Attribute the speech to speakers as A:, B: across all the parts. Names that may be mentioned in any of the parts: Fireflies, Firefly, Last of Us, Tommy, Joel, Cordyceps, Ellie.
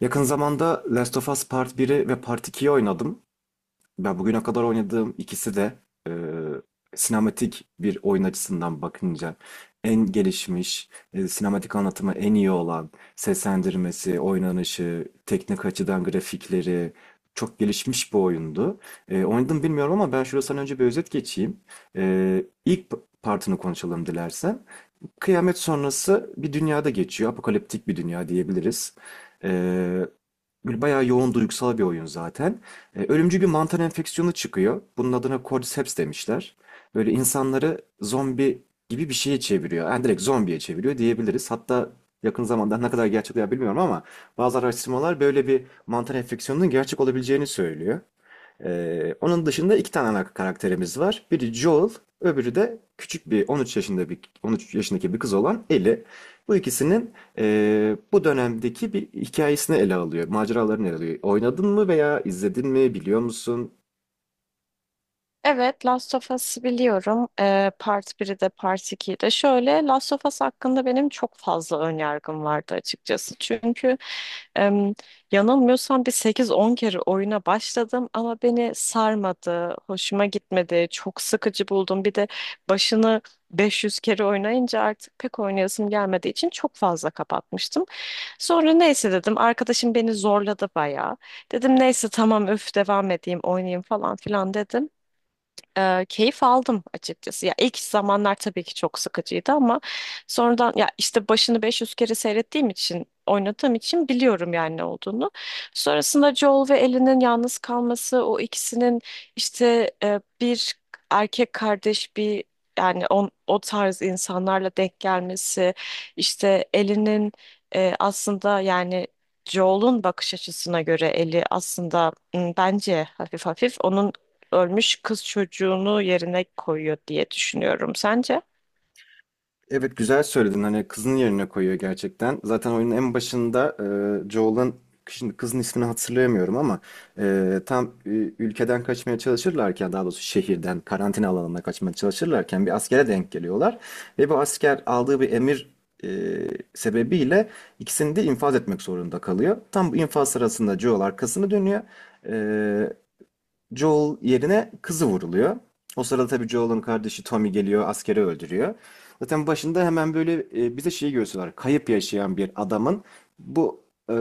A: Yakın zamanda Last of Us Part 1'i ve Part 2'yi oynadım. Ben bugüne kadar oynadığım ikisi de e, sinematik bir oyun açısından bakınca en gelişmiş, sinematik anlatımı en iyi olan, seslendirmesi, oynanışı, teknik açıdan grafikleri çok gelişmiş bir oyundu. Oynadım bilmiyorum ama ben şuradan önce bir özet geçeyim. E, ilk partını konuşalım dilersen. Kıyamet sonrası bir dünyada geçiyor. Apokaliptik bir dünya diyebiliriz. Ee, Böyle bayağı yoğun duygusal bir oyun zaten. Ölümcül bir mantar enfeksiyonu çıkıyor. Bunun adına Cordyceps demişler. Böyle insanları zombi gibi bir şeye çeviriyor. Yani direkt zombiye çeviriyor diyebiliriz. Hatta yakın zamanda ne kadar gerçek veya bilmiyorum ama bazı araştırmalar böyle bir mantar enfeksiyonunun gerçek olabileceğini söylüyor. Onun dışında iki tane ana karakterimiz var. Biri Joel, öbürü de küçük bir 13 yaşındaki bir kız olan Ellie. Bu ikisinin bu dönemdeki bir hikayesini ele alıyor, maceralarını ele alıyor. Oynadın mı veya izledin mi, biliyor musun?
B: Evet, Last of Us'ı biliyorum. Part biri de Part 2'yi de. Şöyle, Last of Us hakkında benim çok fazla önyargım vardı açıkçası. Çünkü em, yanılmıyorsam bir sekiz on kere oyuna başladım ama beni sarmadı, hoşuma gitmedi, çok sıkıcı buldum. Bir de başını 500 kere oynayınca artık pek oynayasım gelmediği için çok fazla kapatmıştım. Sonra neyse dedim, arkadaşım beni zorladı bayağı. Dedim neyse tamam öf devam edeyim, oynayayım falan filan dedim, keyif aldım açıkçası. Ya ilk zamanlar tabii ki çok sıkıcıydı ama sonradan ya işte başını 500 kere seyrettiğim için oynadığım için biliyorum yani ne olduğunu. Sonrasında Joel ve Ellie'nin yalnız kalması, o ikisinin işte bir erkek kardeş bir yani on, o tarz insanlarla denk gelmesi, işte Ellie'nin aslında yani Joel'un bakış açısına göre Ellie aslında bence hafif hafif onun ölmüş kız çocuğunu yerine koyuyor diye düşünüyorum. Sence?
A: Evet, güzel söyledin, hani kızın yerine koyuyor gerçekten. Zaten oyunun en başında Joel'ın, şimdi kızın ismini hatırlayamıyorum ama tam ülkeden kaçmaya çalışırlarken, daha doğrusu şehirden karantina alanına kaçmaya çalışırlarken bir askere denk geliyorlar ve bu asker aldığı bir emir e, sebebiyle ikisini de infaz etmek zorunda kalıyor. Tam bu infaz sırasında Joel arkasını dönüyor. E, Joel yerine kızı vuruluyor. O sırada tabii Joel'ın kardeşi Tommy geliyor, askeri öldürüyor. Zaten başında hemen böyle bize şeyi gösteriyorlar. Kayıp yaşayan bir adamın bu e,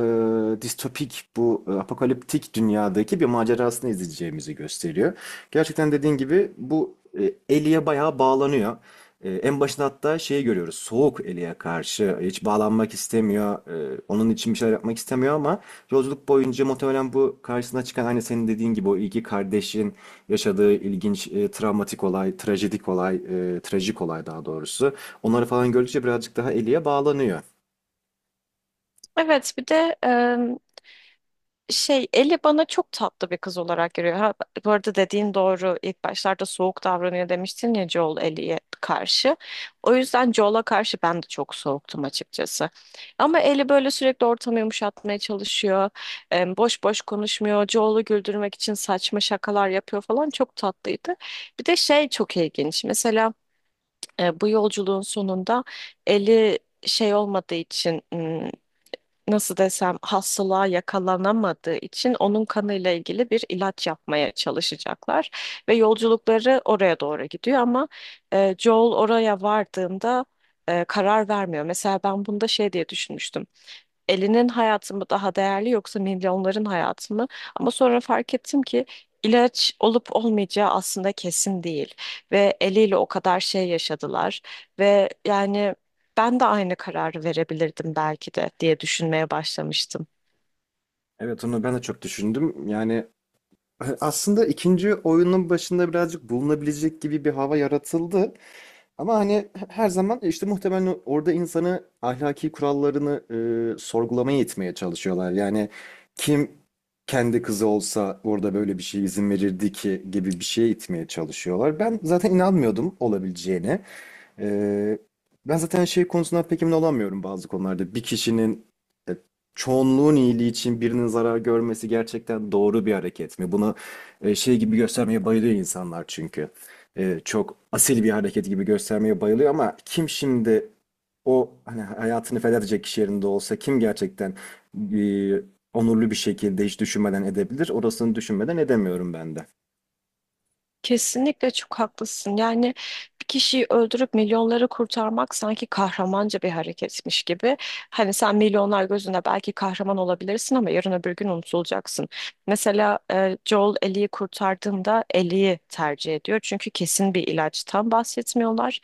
A: distopik, bu apokaliptik dünyadaki bir macerasını izleyeceğimizi gösteriyor. Gerçekten dediğin gibi bu Ellie'ye bayağı bağlanıyor. En başında hatta şeyi görüyoruz. Soğuk Ellie'ye karşı. Hiç bağlanmak istemiyor. Onun için bir şeyler yapmak istemiyor ama yolculuk boyunca muhtemelen bu karşısına çıkan, aynı senin dediğin gibi, o iki kardeşin yaşadığı ilginç travmatik olay, trajedik olay, trajik olay daha doğrusu. Onları falan gördükçe birazcık daha Ellie'ye bağlanıyor.
B: Evet, bir de şey Ellie bana çok tatlı bir kız olarak görüyor. Ha, bu arada dediğin doğru. İlk başlarda soğuk davranıyor demiştin ya Joel Ellie'ye karşı. O yüzden Joel'a karşı ben de çok soğuktum açıkçası. Ama Ellie böyle sürekli ortamı yumuşatmaya çalışıyor. Boş boş konuşmuyor. Joel'u güldürmek için saçma şakalar yapıyor falan. Çok tatlıydı. Bir de şey çok ilginç. Mesela bu yolculuğun sonunda Ellie şey olmadığı için nasıl desem hastalığa yakalanamadığı için onun kanıyla ilgili bir ilaç yapmaya çalışacaklar ve yolculukları oraya doğru gidiyor ama Joel oraya vardığında karar vermiyor. Mesela ben bunda şey diye düşünmüştüm, elinin hayatı mı daha değerli yoksa milyonların hayatı mı? Ama sonra fark ettim ki ilaç olup olmayacağı aslında kesin değil ve eliyle o kadar şey yaşadılar ve yani ben de aynı kararı verebilirdim belki de diye düşünmeye başlamıştım.
A: Evet, onu ben de çok düşündüm. Yani aslında ikinci oyunun başında birazcık bulunabilecek gibi bir hava yaratıldı. Ama hani her zaman işte muhtemelen orada insanı ahlaki kurallarını sorgulamaya itmeye çalışıyorlar. Yani kim kendi kızı olsa orada böyle bir şey izin verirdi ki gibi bir şeye itmeye çalışıyorlar. Ben zaten inanmıyordum olabileceğine. Ee, ben zaten şey konusundan pek emin olamıyorum bazı konularda. Bir kişinin e, çoğunluğun iyiliği için birinin zarar görmesi gerçekten doğru bir hareket mi? Bunu şey gibi göstermeye bayılıyor insanlar çünkü. Çok asil bir hareket gibi göstermeye bayılıyor ama kim şimdi o, hani hayatını feda edecek kişi yerinde olsa, kim gerçekten e, onurlu bir şekilde hiç düşünmeden edebilir? Orasını düşünmeden edemiyorum ben de.
B: Kesinlikle çok haklısın. Yani bir kişiyi öldürüp milyonları kurtarmak sanki kahramanca bir hareketmiş gibi. Hani sen milyonlar gözünde belki kahraman olabilirsin ama yarın öbür gün unutulacaksın. Mesela Joel Ellie'yi kurtardığında Ellie'yi tercih ediyor. Çünkü kesin bir ilaçtan bahsetmiyorlar.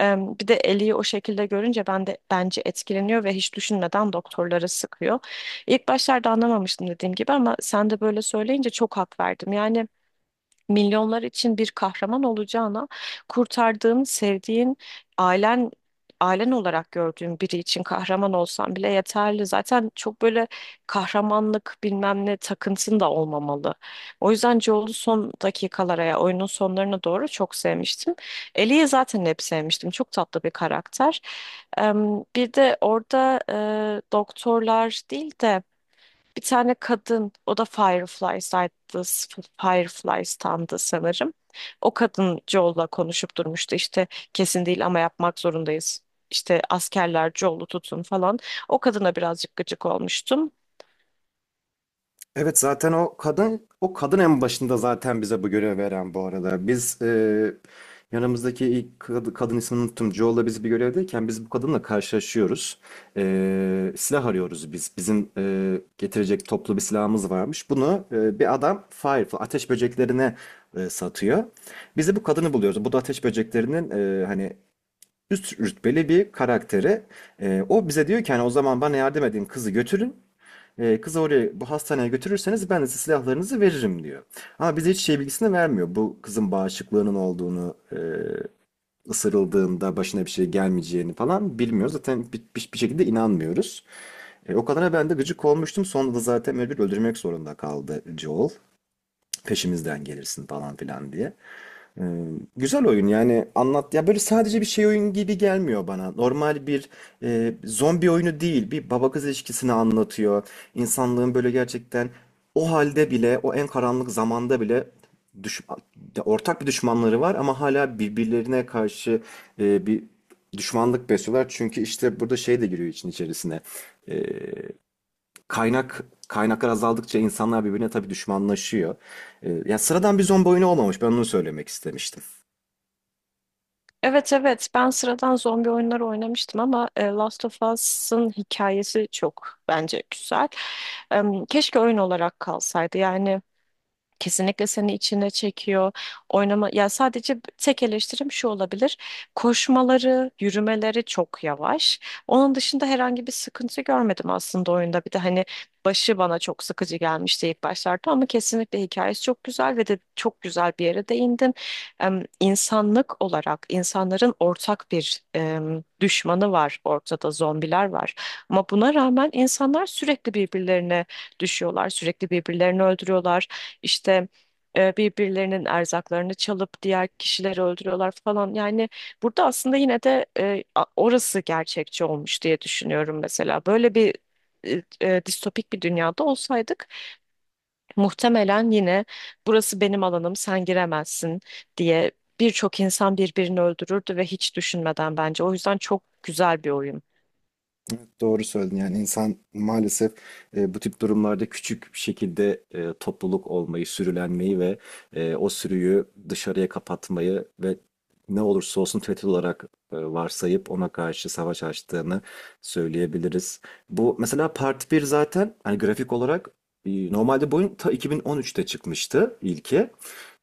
B: E, Bir de Ellie'yi o şekilde görünce ben de bence etkileniyor ve hiç düşünmeden doktorlara sıkıyor. İlk başlarda anlamamıştım dediğim gibi ama sen de böyle söyleyince çok hak verdim. Yani milyonlar için bir kahraman olacağına, kurtardığın, sevdiğin, ailen ailen olarak gördüğün biri için kahraman olsan bile yeterli. Zaten çok böyle kahramanlık bilmem ne takıntın da olmamalı. O yüzden Joel'u son dakikalara ya oyunun sonlarına doğru çok sevmiştim. Ellie'yi zaten hep sevmiştim. Çok tatlı bir karakter. Bir de orada doktorlar değil de bir tane kadın, o da Fireflies'taydı, Fireflies'tandı sanırım. O kadın Joel'la konuşup durmuştu işte kesin değil ama yapmak zorundayız. İşte askerler Joel'u tutun falan. O kadına birazcık gıcık olmuştum.
A: Evet, zaten o kadın en başında zaten bize bu görevi veren, bu arada. Biz yanımızdaki ilk kadın, ismini unuttum, Joel'la biz bir görevdeyken biz bu kadınla karşılaşıyoruz. Silah arıyoruz biz. Bizim getirecek toplu bir silahımız varmış. Bunu bir adam Firefly ateş böceklerine satıyor. Biz de bu kadını buluyoruz. Bu da ateş böceklerinin hani üst rütbeli bir karakteri. O bize diyor ki, hani, o zaman bana yardım edin, kızı götürün. Kızı oraya, bu hastaneye götürürseniz ben de size silahlarınızı veririm diyor. Ama bize hiç şey bilgisini vermiyor. Bu kızın bağışıklığının olduğunu, ısırıldığında başına bir şey gelmeyeceğini falan bilmiyoruz. Zaten bir şekilde inanmıyoruz. O kadına ben de gıcık olmuştum. Sonra da zaten mecbur öldürmek zorunda kaldı Joel. Peşimizden gelirsin falan filan diye. Ee, güzel oyun yani, anlat ya, böyle sadece bir şey oyun gibi gelmiyor bana. Normal bir zombi oyunu değil. Bir baba kız ilişkisini anlatıyor. İnsanlığın böyle gerçekten o halde bile, o en karanlık zamanda bile, düş ya ortak bir düşmanları var ama hala birbirlerine karşı bir düşmanlık besliyorlar. Çünkü işte burada şey de giriyor için içerisine. Ee, kaynaklar azaldıkça insanlar birbirine tabii düşmanlaşıyor. Ya sıradan bir zombi oyunu olmamış. Ben onu söylemek istemiştim.
B: Evet, evet, ben sıradan zombi oyunları oynamıştım ama Last of Us'ın hikayesi çok bence güzel. Keşke oyun olarak kalsaydı yani. Kesinlikle seni içine çekiyor. Oynama ya, sadece tek eleştirim şu olabilir. Koşmaları, yürümeleri çok yavaş. Onun dışında herhangi bir sıkıntı görmedim aslında oyunda. Bir de hani başı bana çok sıkıcı gelmişti ilk başlarda ama kesinlikle hikayesi çok güzel ve de çok güzel bir yere değindin. İnsanlık olarak insanların ortak bir düşmanı var, ortada zombiler var. Ama buna rağmen insanlar sürekli birbirlerine düşüyorlar, sürekli birbirlerini öldürüyorlar. İşte birbirlerinin erzaklarını çalıp diğer kişileri öldürüyorlar falan. Yani burada aslında yine de orası gerçekçi olmuş diye düşünüyorum mesela. Böyle bir distopik bir dünyada olsaydık muhtemelen yine burası benim alanım sen giremezsin diye birçok insan birbirini öldürürdü ve hiç düşünmeden bence. O yüzden çok güzel bir oyun.
A: Doğru söyledin. Yani insan maalesef bu tip durumlarda küçük bir şekilde topluluk olmayı, sürülenmeyi ve o sürüyü dışarıya kapatmayı ve ne olursa olsun tehdit olarak varsayıp ona karşı savaş açtığını söyleyebiliriz. Bu mesela Part 1 zaten, hani grafik olarak normalde bu oyun ta 2013'te çıkmıştı ilki.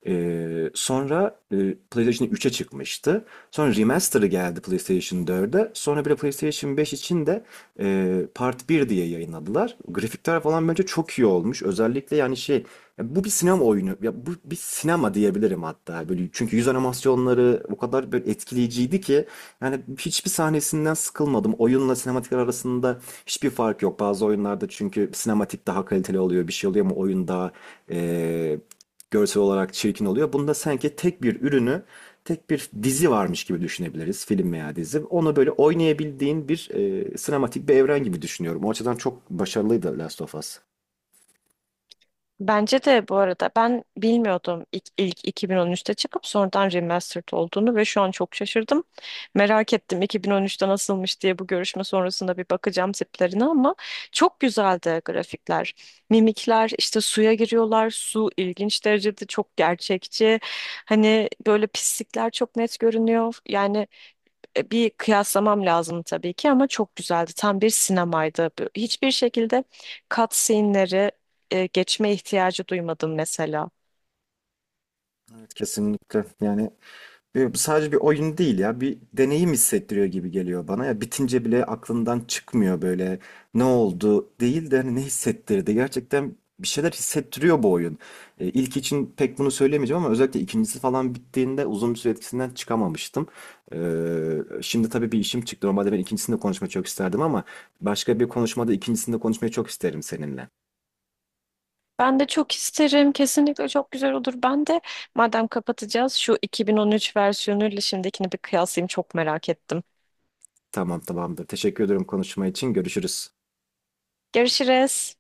A: Sonra PlayStation 3'e çıkmıştı. Sonra remaster'ı geldi PlayStation 4'e. Sonra bir de PlayStation 5 için de Part 1 diye yayınladılar. Grafikler falan bence çok iyi olmuş. Özellikle yani şey, ya bu bir sinema oyunu. Ya bu bir sinema diyebilirim hatta. Böyle, çünkü yüz animasyonları o kadar böyle etkileyiciydi ki yani hiçbir sahnesinden sıkılmadım. Oyunla sinematikler arasında hiçbir fark yok. Bazı oyunlarda çünkü sinematik daha kaliteli oluyor, bir şey oluyor ama oyun daha e, görsel olarak çirkin oluyor. Bunda sanki tek bir ürünü, tek bir dizi varmış gibi düşünebiliriz. Film veya dizi. Onu böyle oynayabildiğin bir sinematik bir evren gibi düşünüyorum. O açıdan çok başarılıydı Last of Us.
B: Bence de bu arada ben bilmiyordum ilk 2013'te çıkıp sonradan remastered olduğunu ve şu an çok şaşırdım. Merak ettim 2013'te nasılmış diye, bu görüşme sonrasında bir bakacağım tiplerine ama çok güzeldi grafikler. Mimikler, işte suya giriyorlar. Su ilginç derecede çok gerçekçi. Hani böyle pislikler çok net görünüyor. Yani bir kıyaslamam lazım tabii ki ama çok güzeldi. Tam bir sinemaydı. Hiçbir şekilde cutscene'leri geçme ihtiyacı duymadım mesela.
A: Evet, kesinlikle. Yani bu sadece bir oyun değil, ya bir deneyim hissettiriyor gibi geliyor bana, ya bitince bile aklından çıkmıyor. Böyle ne oldu değil de, hani ne hissettirdi, gerçekten bir şeyler hissettiriyor bu oyun. E, ilk için pek bunu söyleyemeyeceğim ama özellikle ikincisi falan bittiğinde uzun bir süre etkisinden çıkamamıştım. Şimdi tabii bir işim çıktı, normalde ben ikincisini de konuşmayı çok isterdim ama başka bir konuşmada ikincisini de konuşmayı çok isterim seninle.
B: Ben de çok isterim. Kesinlikle çok güzel olur. Ben de madem kapatacağız şu 2013 versiyonuyla şimdikini bir kıyaslayayım. Çok merak ettim.
A: Tamam, tamamdır, teşekkür ederim konuşma için, görüşürüz.
B: Görüşürüz.